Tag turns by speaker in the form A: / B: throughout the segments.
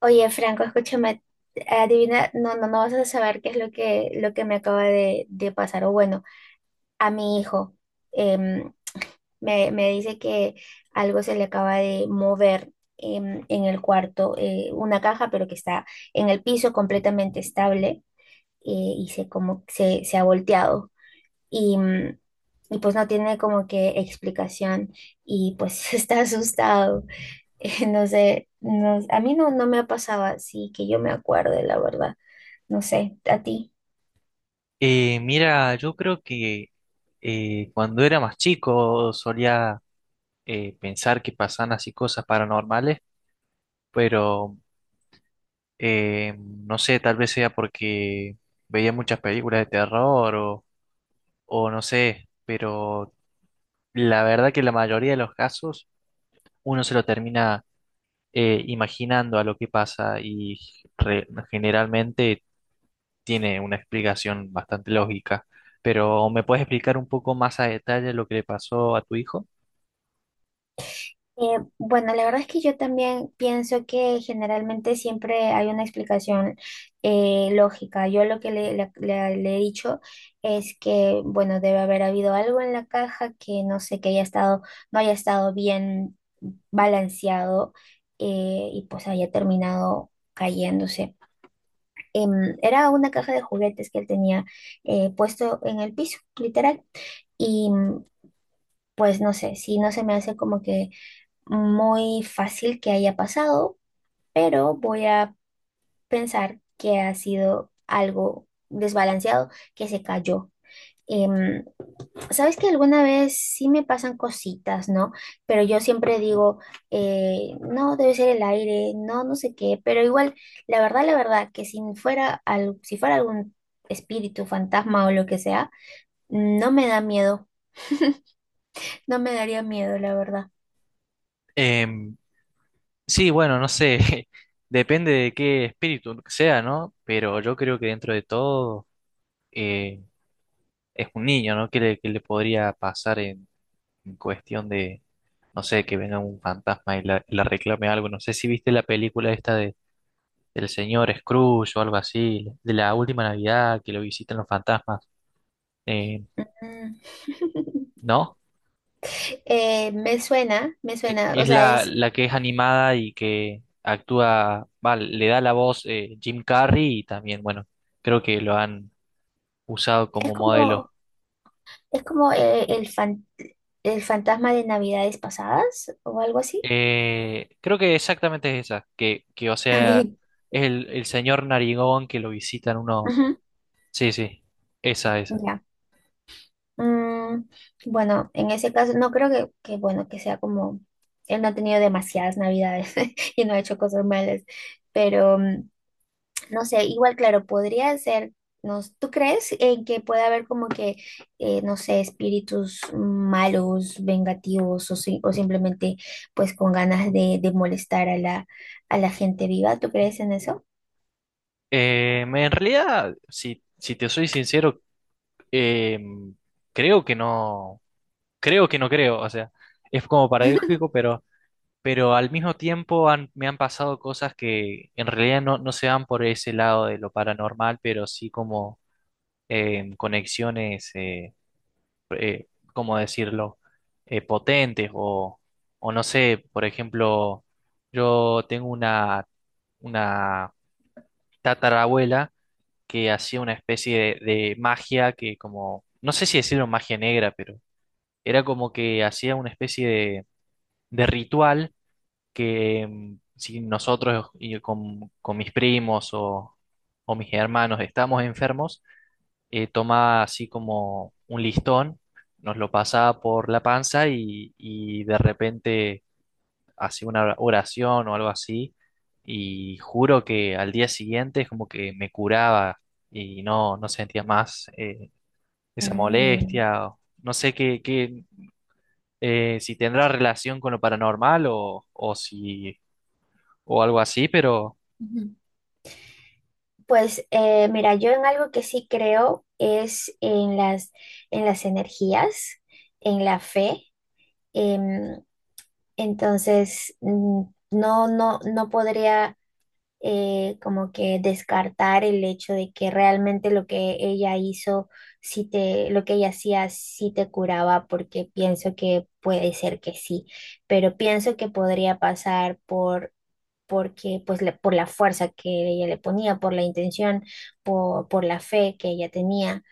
A: Oye, Franco, escúchame, adivina, no, no, no vas a saber qué es lo que me acaba de pasar. O bueno, a mi hijo em, me dice que algo se le acaba de mover en el cuarto, una caja, pero que está en el piso completamente estable y se, como, se ha volteado. Y y pues no tiene como que explicación y pues está asustado. No sé, a mí no, no me ha pasado así que yo me acuerde, la verdad. No sé, a ti.
B: Yo creo que cuando era más chico solía pensar que pasaban así cosas paranormales, pero no sé, tal vez sea porque veía muchas películas de terror o no sé, pero la verdad que la mayoría de los casos uno se lo termina imaginando a lo que pasa y re- generalmente tiene una explicación bastante lógica, pero ¿me puedes explicar un poco más a detalle lo que le pasó a tu hijo?
A: Bueno, la verdad es que yo también pienso que generalmente siempre hay una explicación lógica. Yo lo que le he dicho es que, bueno, debe haber habido algo en la caja que no sé, que haya estado, no haya estado bien balanceado, y pues haya terminado cayéndose. Era una caja de juguetes que él tenía puesto en el piso, literal. Y pues no sé, si no se me hace como que muy fácil que haya pasado, pero voy a pensar que ha sido algo desbalanceado que se cayó. em, sabes que alguna vez sí me pasan cositas, ¿no? Pero yo siempre digo, no, debe ser el aire, no, no sé qué, pero igual, la verdad, que si fuera, al, si fuera algún espíritu, fantasma o lo que sea, no me da miedo, no me daría miedo, la verdad.
B: Em, sí, bueno, no sé, depende de qué espíritu sea, ¿no? Pero yo creo que dentro de todo eh, es un niño, ¿no? ¿Qué qué le podría pasar en cuestión de, no sé, que venga un fantasma y la reclame algo? No sé si viste la película esta del señor Scrooge o algo así, de la última Navidad que lo visitan los fantasmas, eh,
A: Mm.
B: ¿no?
A: Me suena, me suena, o
B: Es
A: sea,
B: la que es animada y que actúa, va, le da la voz Jim Carrey y también, bueno, creo que lo han usado
A: es
B: como modelo.
A: como, es como el fantasma de Navidades pasadas o algo así.
B: Creo que exactamente es esa, que o sea,
A: Ok.
B: es el señor Narigón que lo visitan unos...
A: Ujú.
B: Sí, sí, esa, esa.
A: Ya. Mm, bueno, en ese caso, no creo bueno, que sea como, él no ha tenido demasiadas navidades y no ha hecho cosas malas, pero no sé, igual, claro, podría ser, no, ¿tú crees en que puede haber como que, no sé, espíritus malos, vengativos o o simplemente pues con ganas de molestar a a la gente viva? ¿Tú crees en eso?
B: En realidad, si te soy sincero, eh, creo que no, creo que no creo, o sea, es como paradójico, pero al mismo tiempo me han pasado cosas que en realidad no, no se van por ese lado de lo paranormal, pero sí como conexiones, eh, ¿cómo decirlo? Potentes o no sé, por ejemplo, yo tengo una tatarabuela que hacía una especie de magia que como, no sé si decirlo magia negra, pero era como que hacía una especie de ritual que mm, si nosotros y con mis primos o mis hermanos estamos enfermos, tomaba así como un listón, nos lo pasaba por la panza y de repente hacía una oración o algo así. Y juro que al día siguiente es como que me curaba y no, no sentía más esa molestia. No sé qué, si tendrá relación con lo paranormal o si o algo así, pero...
A: Mm. Pues, mira, yo en algo que sí creo es en en las energías, en la fe. em, entonces, no, no, no podría como que descartar el hecho de que realmente lo que ella hizo, sí te, lo que ella hacía, sí te curaba, porque pienso que puede ser que sí, pero pienso que podría pasar por porque pues por la fuerza que ella le ponía, por la intención, por la fe que ella tenía.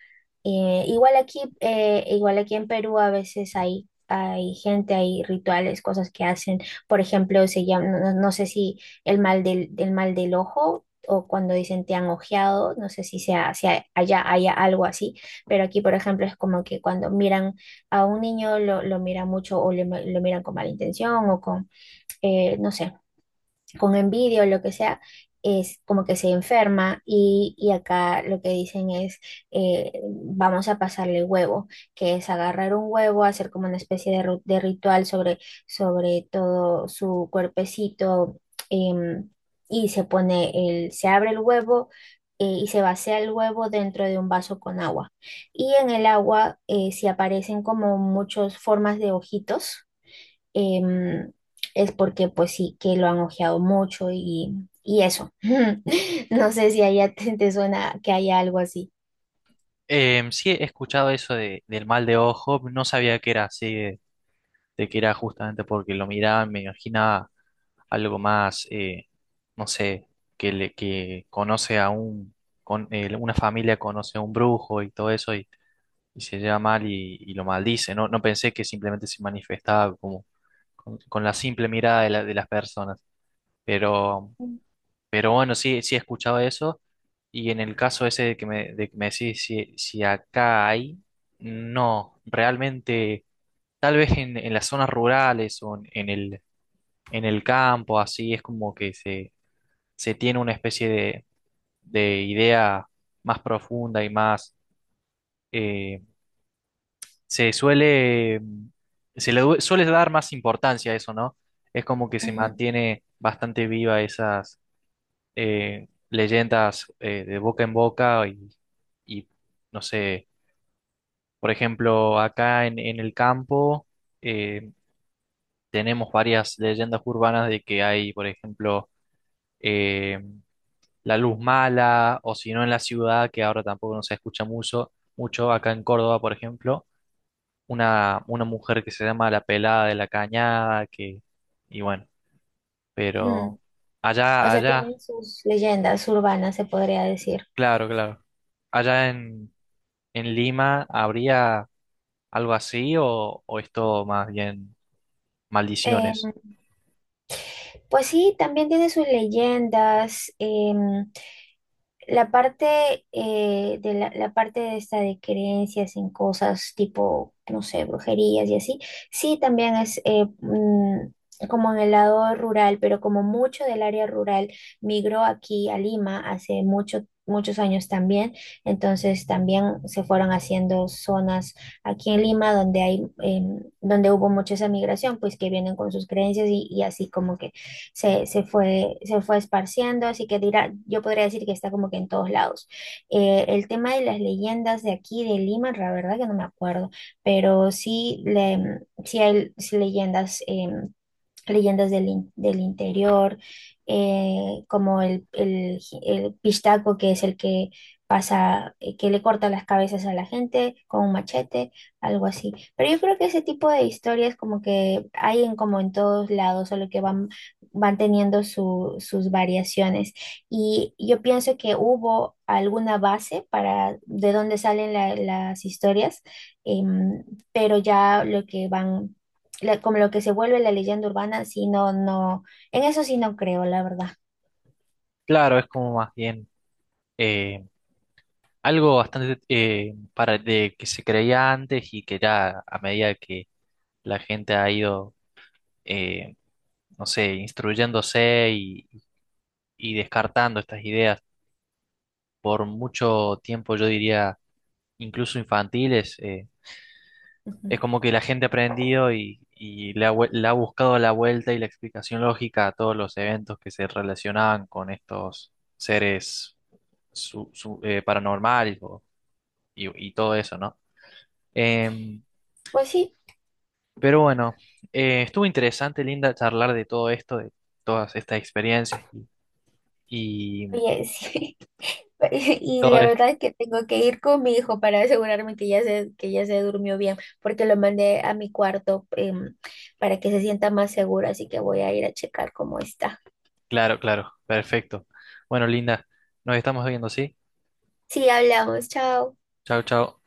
A: Eh, igual aquí, igual aquí en Perú a veces hay, hay gente, hay rituales, cosas que hacen. Por ejemplo, se llama, no, no sé si el mal del, el mal del ojo o cuando dicen te han ojeado, no sé si sea, si hay- allá haya algo así, pero aquí, por ejemplo, es como que cuando miran a un niño lo miran mucho o lo miran con mala intención o con, no sé, con envidia o lo que sea, es como que se enferma y acá lo que dicen es, eh, vamos a pasarle huevo, que es agarrar un huevo, hacer como una especie de, de ritual sobre, sobre todo su cuerpecito, em, y se pone el, se abre el huevo. Y se vacía el huevo dentro de un vaso con agua. Y en el agua, si aparecen como muchas formas de ojitos, em, es porque pues sí que lo han ojeado mucho y eso. No sé si allá te, te suena que haya algo así.
B: Sí, he escuchado eso del mal de ojo, no sabía que era así, de que era justamente porque lo miraba, me imaginaba algo más, no sé, que conoce a un, una familia conoce a un brujo y todo eso y se lleva mal y lo maldice, no, no pensé que simplemente se manifestaba como con la simple mirada de las personas, pero
A: Ujú,
B: pero bueno, sí, sí he escuchado eso. Y en el caso ese de que de que me decís si acá hay, no, realmente, tal vez en las zonas rurales o en el campo, así es como que se tiene una especie de idea más profunda y más, eh, se suele, suele dar más importancia a eso, ¿no? Es como que se mantiene bastante viva esas leyendas de boca en boca y, no sé, por ejemplo, acá en el campo eh, tenemos varias leyendas urbanas de que hay, por ejemplo, eh, la luz mala o si no en la ciudad, que ahora tampoco no se escucha mucho, mucho acá en Córdoba, por ejemplo, una mujer que se llama la pelada de la cañada, que, y bueno,
A: ujú.
B: pero
A: O
B: allá,
A: sea,
B: allá,
A: tienen sus leyendas urbanas, se podría decir.
B: claro, claro, allá en Lima habría algo así o es todo más bien ¿maldiciones?
A: Pues sí, también tiene sus leyendas. La parte, la parte de esta de creencias en cosas tipo, no sé, brujerías y así, sí también es, como en el lado rural, pero como mucho del área rural migró aquí a Lima hace mucho, muchos años también, entonces también se fueron haciendo zonas aquí en Lima donde hay, donde hubo mucha esa migración, pues que vienen con sus creencias y así como que se, se fue esparciendo, así que dirá, yo podría decir que está como que en todos lados. El tema de las leyendas de aquí, de Lima, la verdad que no me acuerdo, pero sí, le, sí hay sí leyendas, leyendas del interior, como el pistaco, que es el que pasa, que le corta las cabezas a la gente con un machete, algo así. Pero yo creo que ese tipo de historias como que hay en como en todos lados, solo que van, van teniendo sus variaciones. Y yo pienso que hubo alguna base para de dónde salen las historias, em, pero ya lo que van como lo que se vuelve la leyenda urbana, sí, no, no, en eso sí no creo, la verdad.
B: Claro, es como más bien eh, algo bastante para de que se creía antes y que ya a medida que la gente ha ido, eh, no sé, instruyéndose y descartando estas ideas por mucho tiempo, yo diría incluso infantiles. Es
A: Ujú.
B: como que la gente ha aprendido y le ha, le ha buscado la vuelta y la explicación lógica a todos los eventos que se relacionaban con estos seres paranormales y todo eso, ¿no? Em,
A: Pues sí,
B: pero bueno, estuvo interesante, Linda, charlar de todo esto, de todas estas experiencias y
A: oye, sí. Y
B: todo
A: la
B: es...
A: verdad es que tengo que ir con mi hijo para asegurarme que ya se durmió bien, porque lo mandé a mi cuarto, para que se sienta más seguro, así que voy a ir a checar cómo está.
B: Claro, claro, perfecto. Bueno, Linda, nos estamos viendo, ¿sí?
A: Sí, hablamos, chao.
B: Chao, chao.